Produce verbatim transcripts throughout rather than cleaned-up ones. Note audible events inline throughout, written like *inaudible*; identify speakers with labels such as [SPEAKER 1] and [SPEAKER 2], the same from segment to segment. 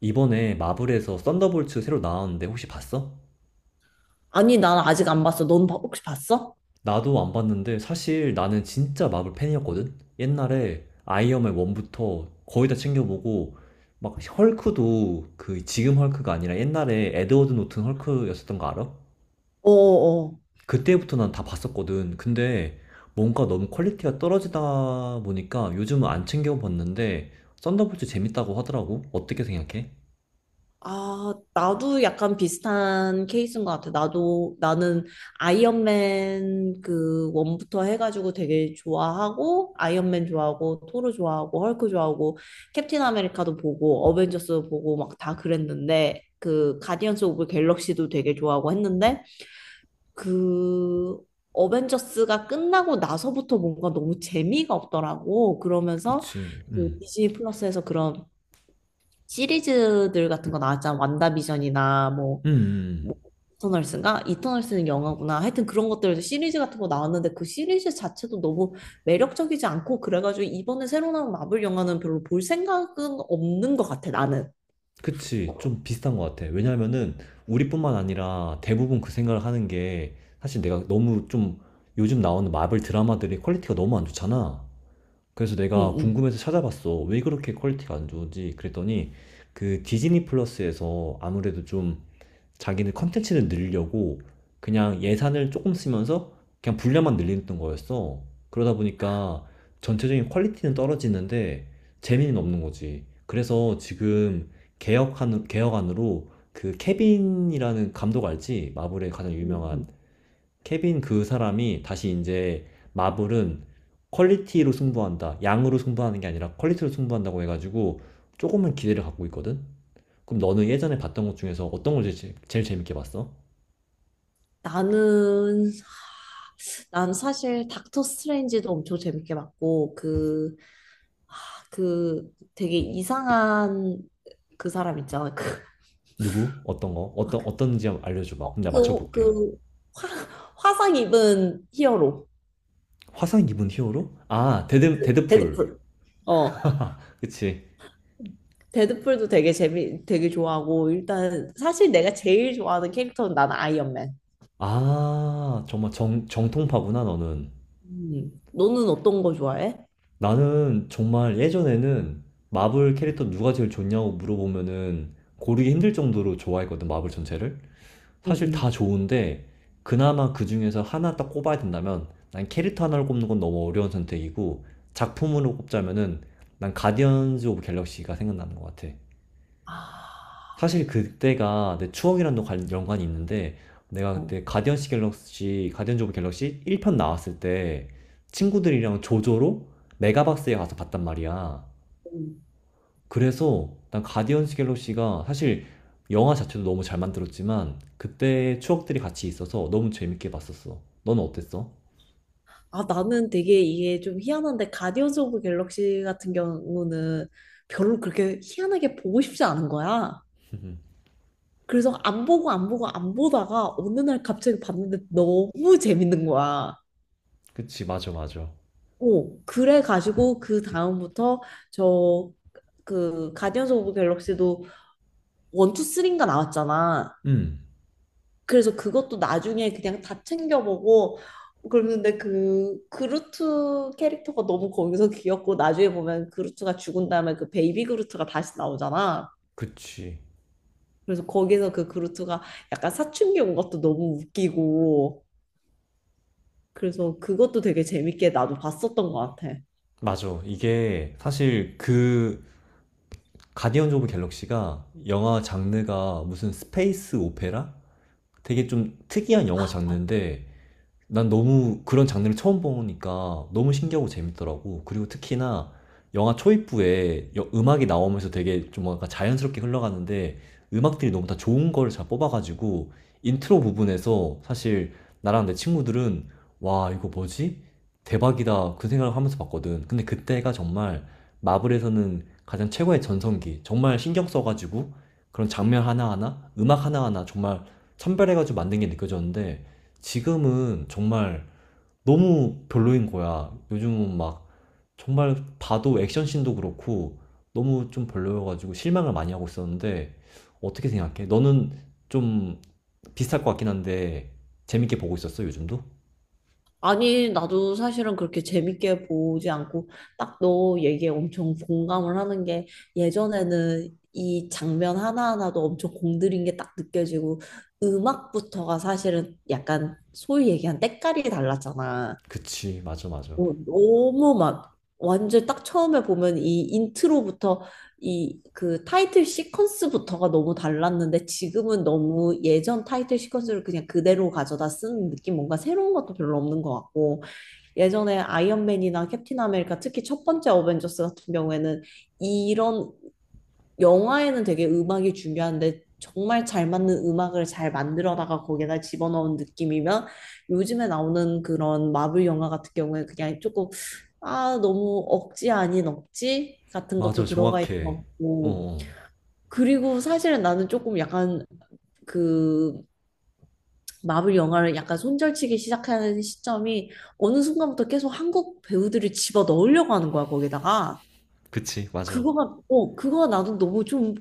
[SPEAKER 1] 이번에 마블에서 썬더볼츠 새로 나왔는데 혹시 봤어?
[SPEAKER 2] 아니, 난 아직 안 봤어. 넌 봐- 혹시 봤어?
[SPEAKER 1] 나도 안 봤는데 사실 나는 진짜 마블 팬이었거든? 옛날에 아이언맨 일부터 거의 다 챙겨보고 막 헐크도 그 지금 헐크가 아니라 옛날에 에드워드 노튼 헐크였었던 거 알아?
[SPEAKER 2] 어어.
[SPEAKER 1] 그때부터 난 다 봤었거든. 근데 뭔가 너무 퀄리티가 떨어지다 보니까 요즘은 안 챙겨봤는데 썬더볼츠 재밌다고 하더라고. 어떻게 생각해?
[SPEAKER 2] 아, 나도 약간 비슷한 케이스인 것 같아. 나도, 나는 아이언맨 그 원부터 해가지고 되게 좋아하고, 아이언맨 좋아하고, 토르 좋아하고, 헐크 좋아하고, 캡틴 아메리카도 보고, 어벤져스 보고 막 다 그랬는데, 그 가디언스 오브 갤럭시도 되게 좋아하고 했는데, 그 어벤져스가 끝나고 나서부터 뭔가 너무 재미가 없더라고. 그러면서
[SPEAKER 1] 그치.
[SPEAKER 2] 그
[SPEAKER 1] 음.
[SPEAKER 2] 디즈니 플러스에서 그런 시리즈들 같은 거 나왔잖아. 완다비전이나 뭐,
[SPEAKER 1] 음.
[SPEAKER 2] 뭐
[SPEAKER 1] 음.
[SPEAKER 2] 이터널스인가? 이터널스는 영화구나. 하여튼 그런 것들 시리즈 같은 거 나왔는데 그 시리즈 자체도 너무 매력적이지 않고 그래가지고 이번에 새로 나온 마블 영화는 별로 볼 생각은 없는 것 같아, 나는.
[SPEAKER 1] 그치, 좀 비슷한 것 같아. 왜냐면은 우리뿐만 아니라 대부분 그 생각을 하는 게 사실 내가 너무 좀 요즘 나오는 마블 드라마들이 퀄리티가 너무 안 좋잖아. 그래서
[SPEAKER 2] 응,
[SPEAKER 1] 내가
[SPEAKER 2] 응.
[SPEAKER 1] 궁금해서 찾아봤어. 왜 그렇게 퀄리티가 안 좋은지. 그랬더니 그 디즈니 플러스에서 아무래도 좀 자기는 컨텐츠를 늘려고 그냥 예산을 조금 쓰면서 그냥 분량만 늘리던 거였어. 그러다 보니까 전체적인 퀄리티는 떨어지는데 재미는 없는 거지. 그래서 지금 개혁한, 개혁안으로 그 케빈이라는 감독 알지? 마블의 가장 유명한
[SPEAKER 2] 응,
[SPEAKER 1] 케빈 그 사람이 다시 이제 마블은 퀄리티로 승부한다. 양으로 승부하는 게 아니라 퀄리티로 승부한다고 해가지고 조금은 기대를 갖고 있거든? 그럼 너는 예전에 봤던 것 중에서 어떤 걸 제일, 제일 재밌게 봤어?
[SPEAKER 2] 나는 난 사실 닥터 스트레인지도 엄청 재밌게 봤고 그, 아, 그 되게 이상한 그 사람 있잖아. 그,
[SPEAKER 1] 누구? 어떤 거?
[SPEAKER 2] 아,
[SPEAKER 1] 어떤
[SPEAKER 2] 그,
[SPEAKER 1] 어떤지 알려줘봐. 그럼 내가
[SPEAKER 2] 그,
[SPEAKER 1] 맞춰볼게.
[SPEAKER 2] 그 화, 화상 입은 히어로
[SPEAKER 1] 화상 입은 히어로? 아, 데드 데드풀.
[SPEAKER 2] 데드풀. 어.
[SPEAKER 1] *laughs* 그치.
[SPEAKER 2] 데드풀도 되게 재미 되게 좋아하고 일단 사실 내가 제일 좋아하는 캐릭터는 난 아이언맨.
[SPEAKER 1] 아, 정말 정 정통파구나 너는.
[SPEAKER 2] 음. 너는 어떤 거 좋아해?
[SPEAKER 1] 나는 정말 예전에는 마블 캐릭터 누가 제일 좋냐고 물어보면은 고르기 힘들 정도로 좋아했거든, 마블 전체를. 사실 다
[SPEAKER 2] 응응.
[SPEAKER 1] 좋은데 그나마 그 중에서 하나 딱 꼽아야 된다면 난 캐릭터 하나를 꼽는 건 너무 어려운 선택이고 작품으로 꼽자면은 난 가디언즈 오브 갤럭시가 생각나는 것 같아.
[SPEAKER 2] 아.
[SPEAKER 1] 사실 그때가 내 추억이랑도 관- 연관이 있는데 내가
[SPEAKER 2] 어.
[SPEAKER 1] 그때 가디언즈 갤럭시 가디언즈 오브 갤럭시 일 편 나왔을 때 친구들이랑 조조로 메가박스에 가서 봤단 말이야. 그래서 난 가디언즈 갤럭시가 사실 영화 자체도 너무 잘 만들었지만 그때의 추억들이 같이 있어서 너무 재밌게 봤었어. 너는 어땠어?
[SPEAKER 2] 아, 나는 되게 이게 좀 희한한데, 가디언즈 오브 갤럭시 같은 경우는 별로 그렇게 희한하게 보고 싶지 않은 거야.
[SPEAKER 1] *laughs*
[SPEAKER 2] 그래서 안 보고 안 보고 안 보다가 어느 날 갑자기 봤는데 너무 재밌는 거야.
[SPEAKER 1] 그치, 맞아, 맞아.
[SPEAKER 2] 오, 그래가지고 그 다음부터 저 그 가디언즈 오브 갤럭시도 원투 쓰리인가 나왔잖아.
[SPEAKER 1] 음,
[SPEAKER 2] 그래서 그것도 나중에 그냥 다 챙겨보고 그러는데 그 그루트 캐릭터가 너무 거기서 귀엽고 나중에 보면 그루트가 죽은 다음에 그 베이비 그루트가 다시 나오잖아.
[SPEAKER 1] 그치.
[SPEAKER 2] 그래서 거기서 그 그루트가 약간 사춘기 온 것도 너무 웃기고 그래서 그것도 되게 재밌게 나도 봤었던 것 같아.
[SPEAKER 1] 맞아. 이게 사실 그 가디언즈 오브 갤럭시가 영화 장르가 무슨 스페이스 오페라? 되게 좀 특이한 영화 장르인데 난 너무 그런 장르를 처음 보니까 너무 신기하고 재밌더라고. 그리고 특히나 영화 초입부에 여- 음악이 나오면서 되게 좀 뭔가 자연스럽게 흘러가는데 음악들이 너무 다 좋은 걸 잘 뽑아가지고 인트로 부분에서 사실 나랑 내 친구들은 와, 이거 뭐지? 대박이다. 그 생각을 하면서 봤거든. 근데 그때가 정말 마블에서는 가장 최고의 전성기. 정말 신경 써가지고 그런 장면 하나하나, 음악 하나하나 정말 선별해가지고 만든 게 느껴졌는데 지금은 정말 너무 별로인 거야. 요즘은 막 정말 봐도 액션씬도 그렇고 너무 좀 별로여가지고 실망을 많이 하고 있었는데 어떻게 생각해? 너는 좀 비슷할 것 같긴 한데 재밌게 보고 있었어, 요즘도?
[SPEAKER 2] 아니, 나도 사실은 그렇게 재밌게 보지 않고 딱 너 얘기에 엄청 공감을 하는 게 예전에는 이 장면 하나하나도 엄청 공들인 게 딱 느껴지고 음악부터가 사실은 약간 소위 얘기한 때깔이 달랐잖아.
[SPEAKER 1] 그치, 맞아, 맞아.
[SPEAKER 2] 어, 너무 막 완전 딱 처음에 보면 이 인트로부터 이 그 타이틀 시퀀스부터가 너무 달랐는데 지금은 너무 예전 타이틀 시퀀스를 그냥 그대로 가져다 쓴 느낌 뭔가 새로운 것도 별로 없는 것 같고 예전에 아이언맨이나 캡틴 아메리카 특히 첫 번째 어벤져스 같은 경우에는 이런 영화에는 되게 음악이 중요한데 정말 잘 맞는 음악을 잘 만들어다가 거기에다 집어넣은 느낌이면 요즘에 나오는 그런 마블 영화 같은 경우에 그냥 조금 아, 너무 억지 아닌 억지 같은
[SPEAKER 1] 맞아,
[SPEAKER 2] 것도 들어가 있는 것
[SPEAKER 1] 정확해. 어,
[SPEAKER 2] 같고
[SPEAKER 1] 어.
[SPEAKER 2] 그리고 사실 나는 조금 약간 그 마블 영화를 약간 손절치기 시작하는 시점이 어느 순간부터 계속 한국 배우들을 집어 넣으려고 하는 거야, 거기다가.
[SPEAKER 1] 그치, 맞아.
[SPEAKER 2] 그거가, 어, 그거가 나도 너무 좀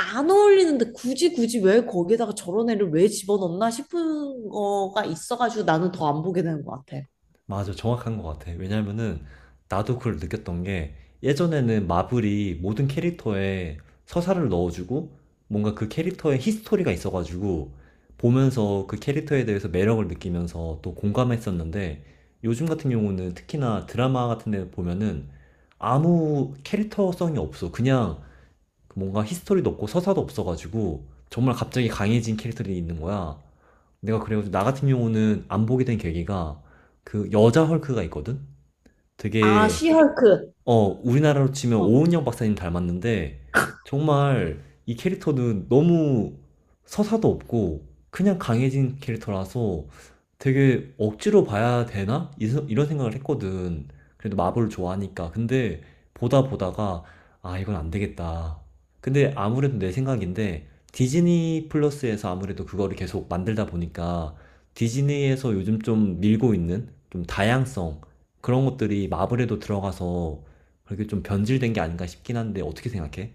[SPEAKER 2] 안 어울리는데 굳이 굳이 왜 거기다가 저런 애를 왜 집어넣나 싶은 거가 있어가지고 나는 더 안 보게 되는 것 같아.
[SPEAKER 1] 맞아, 정확한 것 같아. 왜냐면은 나도 그걸 느꼈던 게 예전에는 마블이 모든 캐릭터에 서사를 넣어주고 뭔가 그 캐릭터의 히스토리가 있어가지고 보면서 그 캐릭터에 대해서 매력을 느끼면서 또 공감했었는데 요즘 같은 경우는 특히나 드라마 같은 데 보면은 아무 캐릭터성이 없어. 그냥 뭔가 히스토리도 없고 서사도 없어가지고 정말 갑자기 강해진 캐릭터들이 있는 거야. 내가 그래가지고 나 같은 경우는 안 보게 된 계기가 그 여자 헐크가 있거든?
[SPEAKER 2] 아,
[SPEAKER 1] 되게
[SPEAKER 2] 시헐크.
[SPEAKER 1] 어, 우리나라로 치면 오은영 박사님 닮았는데, 정말 이 캐릭터는 너무 서사도 없고, 그냥 강해진 캐릭터라서 되게 억지로 봐야 되나? 이 세- 이런 생각을 했거든. 그래도 마블 좋아하니까. 근데 보다 보다가, 아, 이건 안 되겠다. 근데 아무래도 내 생각인데, 디즈니 플러스에서 아무래도 그거를 계속 만들다 보니까, 디즈니에서 요즘 좀 밀고 있는 좀 다양성, 그런 것들이 마블에도 들어가서 그렇게 좀 변질된 게 아닌가 싶긴 한데 어떻게 생각해?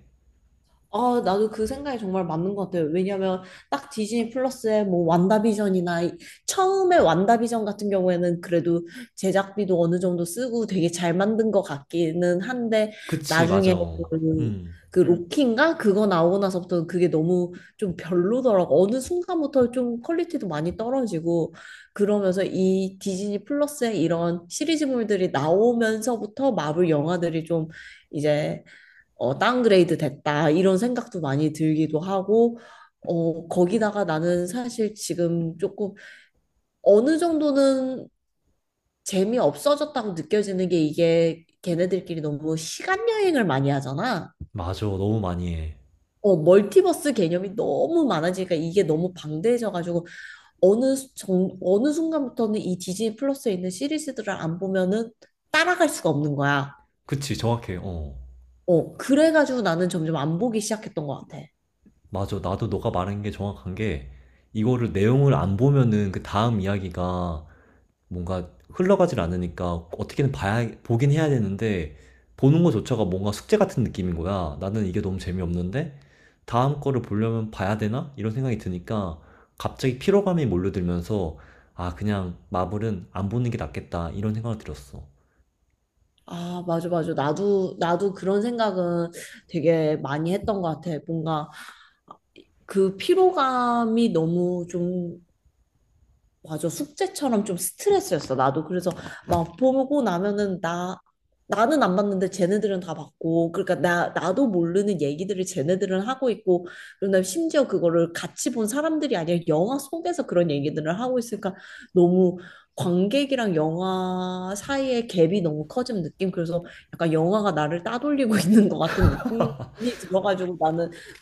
[SPEAKER 2] 아, 나도 그 생각이 정말 맞는 것 같아요. 왜냐면 딱 디즈니 플러스에 뭐 완다비전이나 이- 처음에 완다비전 같은 경우에는 그래도 제작비도 어느 정도 쓰고 되게 잘 만든 것 같기는 한데
[SPEAKER 1] 그치, 맞아.
[SPEAKER 2] 나중에 그,
[SPEAKER 1] 음,
[SPEAKER 2] 그 음. 로키인가? 그거 나오고 나서부터 그게 너무 좀 별로더라고. 어느 순간부터 좀 퀄리티도 많이 떨어지고 그러면서 이 디즈니 플러스에 이런 시리즈물들이 나오면서부터 마블 영화들이 좀 이제 어, 다운그레이드 됐다, 이런 생각도 많이 들기도 하고, 어, 거기다가 나는 사실 지금 조금 어느 정도는 재미없어졌다고 느껴지는 게 이게 걔네들끼리 너무 시간 여행을 많이 하잖아.
[SPEAKER 1] 맞아. 너무 많이 해.
[SPEAKER 2] 어, 멀티버스 개념이 너무 많아지니까 이게 너무 방대해져가지고 어느 수- 정, 어느 순간부터는 이 디즈니 플러스에 있는 시리즈들을 안 보면은 따라갈 수가 없는 거야.
[SPEAKER 1] 그치, 정확해. 어.
[SPEAKER 2] 어, 그래가지고 나는 점점 안 보기 시작했던 것 같아.
[SPEAKER 1] 맞아. 나도 너가 말한 게 정확한 게 이거를 내용을 안 보면은 그 다음 이야기가 뭔가 흘러가질 않으니까 어떻게든 봐야, 보긴 해야 되는데, 보는 것조차가 뭔가 숙제 같은 느낌인 거야. 나는 이게 너무 재미없는데, 다음 거를 보려면 봐야 되나? 이런 생각이 드니까, 갑자기 피로감이 몰려들면서, 아, 그냥 마블은 안 보는 게 낫겠다. 이런 생각을 들었어.
[SPEAKER 2] 아, 맞아, 맞아. 나도, 나도 그런 생각은 되게 많이 했던 것 같아. 뭔가 그 피로감이 너무 좀 맞아. 숙제처럼 좀 스트레스였어. 나도 그래서 막 보고 나면은 나 나는 안 봤는데 쟤네들은 다 봤고 그러니까 나 나도 모르는 얘기들을 쟤네들은 하고 있고 그다음에 심지어 그거를 같이 본 사람들이 아니라 영화 속에서 그런 얘기들을 하고 있으니까 너무 관객이랑 영화 사이의 갭이 너무 커진 느낌. 그래서 약간 영화가 나를 따돌리고 *laughs* 있는 것 같은 느낌이 들어가지고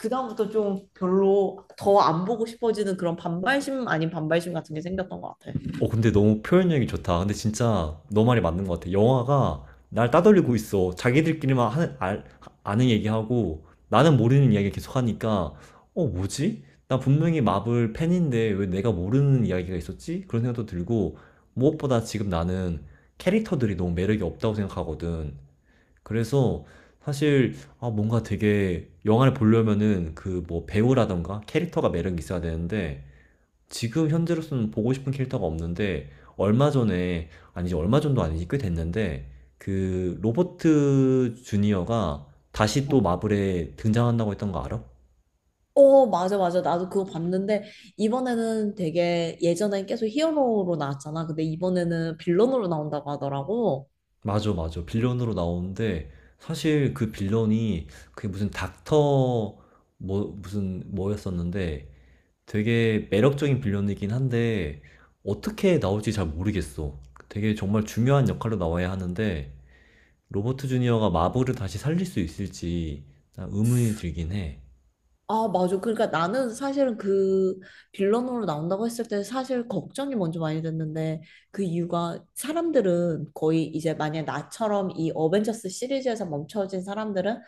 [SPEAKER 2] 그다음부터 좀 별로 더 안 보고 싶어지는 그런 반발심 아닌 반발심 같은 게 생겼던 것 같아.
[SPEAKER 1] 어, 근데 너무 표현력이 좋다. 근데 진짜 너 말이 맞는 것 같아. 영화가 날 따돌리고 있어. 자기들끼리만 하는, 알, 아는 얘기하고 나는 모르는 이야기 계속하니까 어, 뭐지? 나 분명히 마블 팬인데 왜 내가 모르는 이야기가 있었지? 그런 생각도 들고 무엇보다 지금 나는 캐릭터들이 너무 매력이 없다고 생각하거든. 그래서 사실 아, 뭔가 되게 영화를 보려면은 그 뭐 배우라던가 캐릭터가 매력이 있어야 되는데 지금 현재로서는 보고 싶은 캐릭터가 없는데 얼마 전에 아니지 얼마 전도 아니지 꽤 됐는데 그 로버트 주니어가 다시 또
[SPEAKER 2] 어.
[SPEAKER 1] 마블에 등장한다고 했던 거 알아?
[SPEAKER 2] 어, 맞아, 맞아. 나도 그거 봤는데, 이번에는 되게 예전엔 계속 히어로로 나왔잖아. 근데 이번에는 빌런으로 나온다고 하더라고.
[SPEAKER 1] 맞아, 맞아, 빌런으로 나오는데 사실 그 빌런이 그게 무슨 닥터 뭐 무슨 뭐였었는데 되게 매력적인 빌런이긴 한데 어떻게 나올지 잘 모르겠어. 되게 정말 중요한 역할로 나와야 하는데 로버트 주니어가 마블을 다시 살릴 수 있을지 의문이 들긴 해.
[SPEAKER 2] 아, 맞아. 그러니까 나는 사실은 그 빌런으로 나온다고 했을 때 사실 걱정이 먼저 많이 됐는데 그 이유가 사람들은 거의 이제 만약 나처럼 이 어벤져스 시리즈에서 멈춰진 사람들은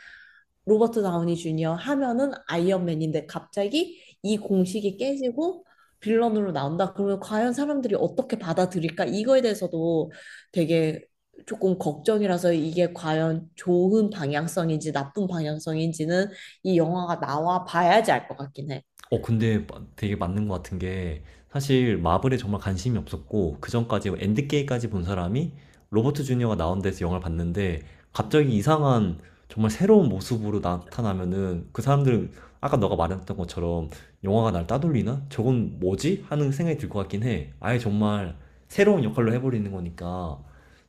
[SPEAKER 2] 로버트 다우니 주니어 하면은 아이언맨인데 갑자기 이 공식이 깨지고 빌런으로 나온다. 그러면 과연 사람들이 어떻게 받아들일까? 이거에 대해서도 되게 조금 걱정이라서 이게 과연 좋은 방향성인지 나쁜 방향성인지는 이 영화가 나와 봐야지 알 것 같긴 해.
[SPEAKER 1] 어, 근데 되게 맞는 것 같은 게 사실 마블에 정말 관심이 없었고 그 전까지 엔드게임까지 본 사람이 로버트 주니어가 나온 데서 영화를 봤는데 갑자기 이상한 정말 새로운 모습으로 나타나면은 그 사람들은 아까 너가 말했던 것처럼 영화가 날 따돌리나? 저건 뭐지? 하는 생각이 들 것 같긴 해. 아예 정말 새로운 역할로 해버리는 거니까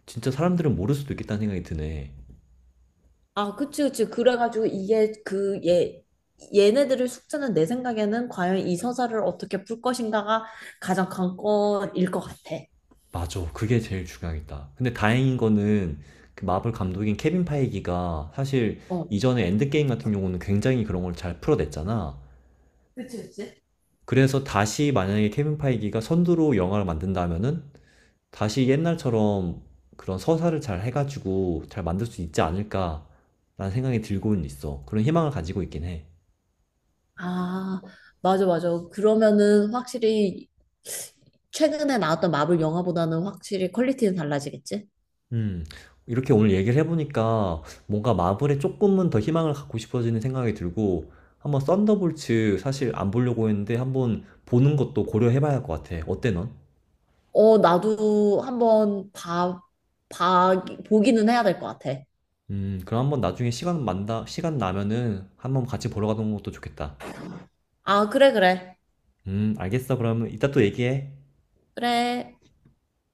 [SPEAKER 1] 진짜 사람들은 모를 수도 있겠다는 생각이 드네.
[SPEAKER 2] 아, 그치, 그치. 그래가지고 이게 그 얘, 얘네들의 숙제는 내 생각에는 과연 이 서사를 어떻게 풀 것인가가 가장 관건일 것 같아.
[SPEAKER 1] 맞아. 그게 제일 중요하겠다. 근데 다행인 거는 그 마블 감독인 케빈 파이기가 사실
[SPEAKER 2] 어.
[SPEAKER 1] 이전에 엔드게임 같은 경우는 굉장히 그런 걸 잘 풀어냈잖아.
[SPEAKER 2] 그치, 그치?
[SPEAKER 1] 그래서 다시 만약에 케빈 파이기가 선두로 영화를 만든다면은 다시 옛날처럼 그런 서사를 잘 해가지고 잘 만들 수 있지 않을까라는 생각이 들고는 있어. 그런 희망을 가지고 있긴 해.
[SPEAKER 2] 아, 맞아, 맞아. 그러면은 확실히 최근에 나왔던 마블 영화보다는 확실히 퀄리티는 달라지겠지?
[SPEAKER 1] 음, 이렇게 오늘 얘기를 해보니까 뭔가 마블에 조금은 더 희망을 갖고 싶어지는 생각이 들고 한번 썬더볼츠 사실 안 보려고 했는데 한번 보는 것도 고려해봐야 할 것 같아. 어때 넌?
[SPEAKER 2] 어, 나도 한번 봐, 봐, 보기는 해야 될 것 같아.
[SPEAKER 1] 음, 그럼 한번 나중에 시간 만다, 시간 나면은 한번 같이 보러 가는 것도 좋겠다.
[SPEAKER 2] 아, 그래, 그래.
[SPEAKER 1] 음, 알겠어. 그러면 이따 또 얘기해.
[SPEAKER 2] 그래.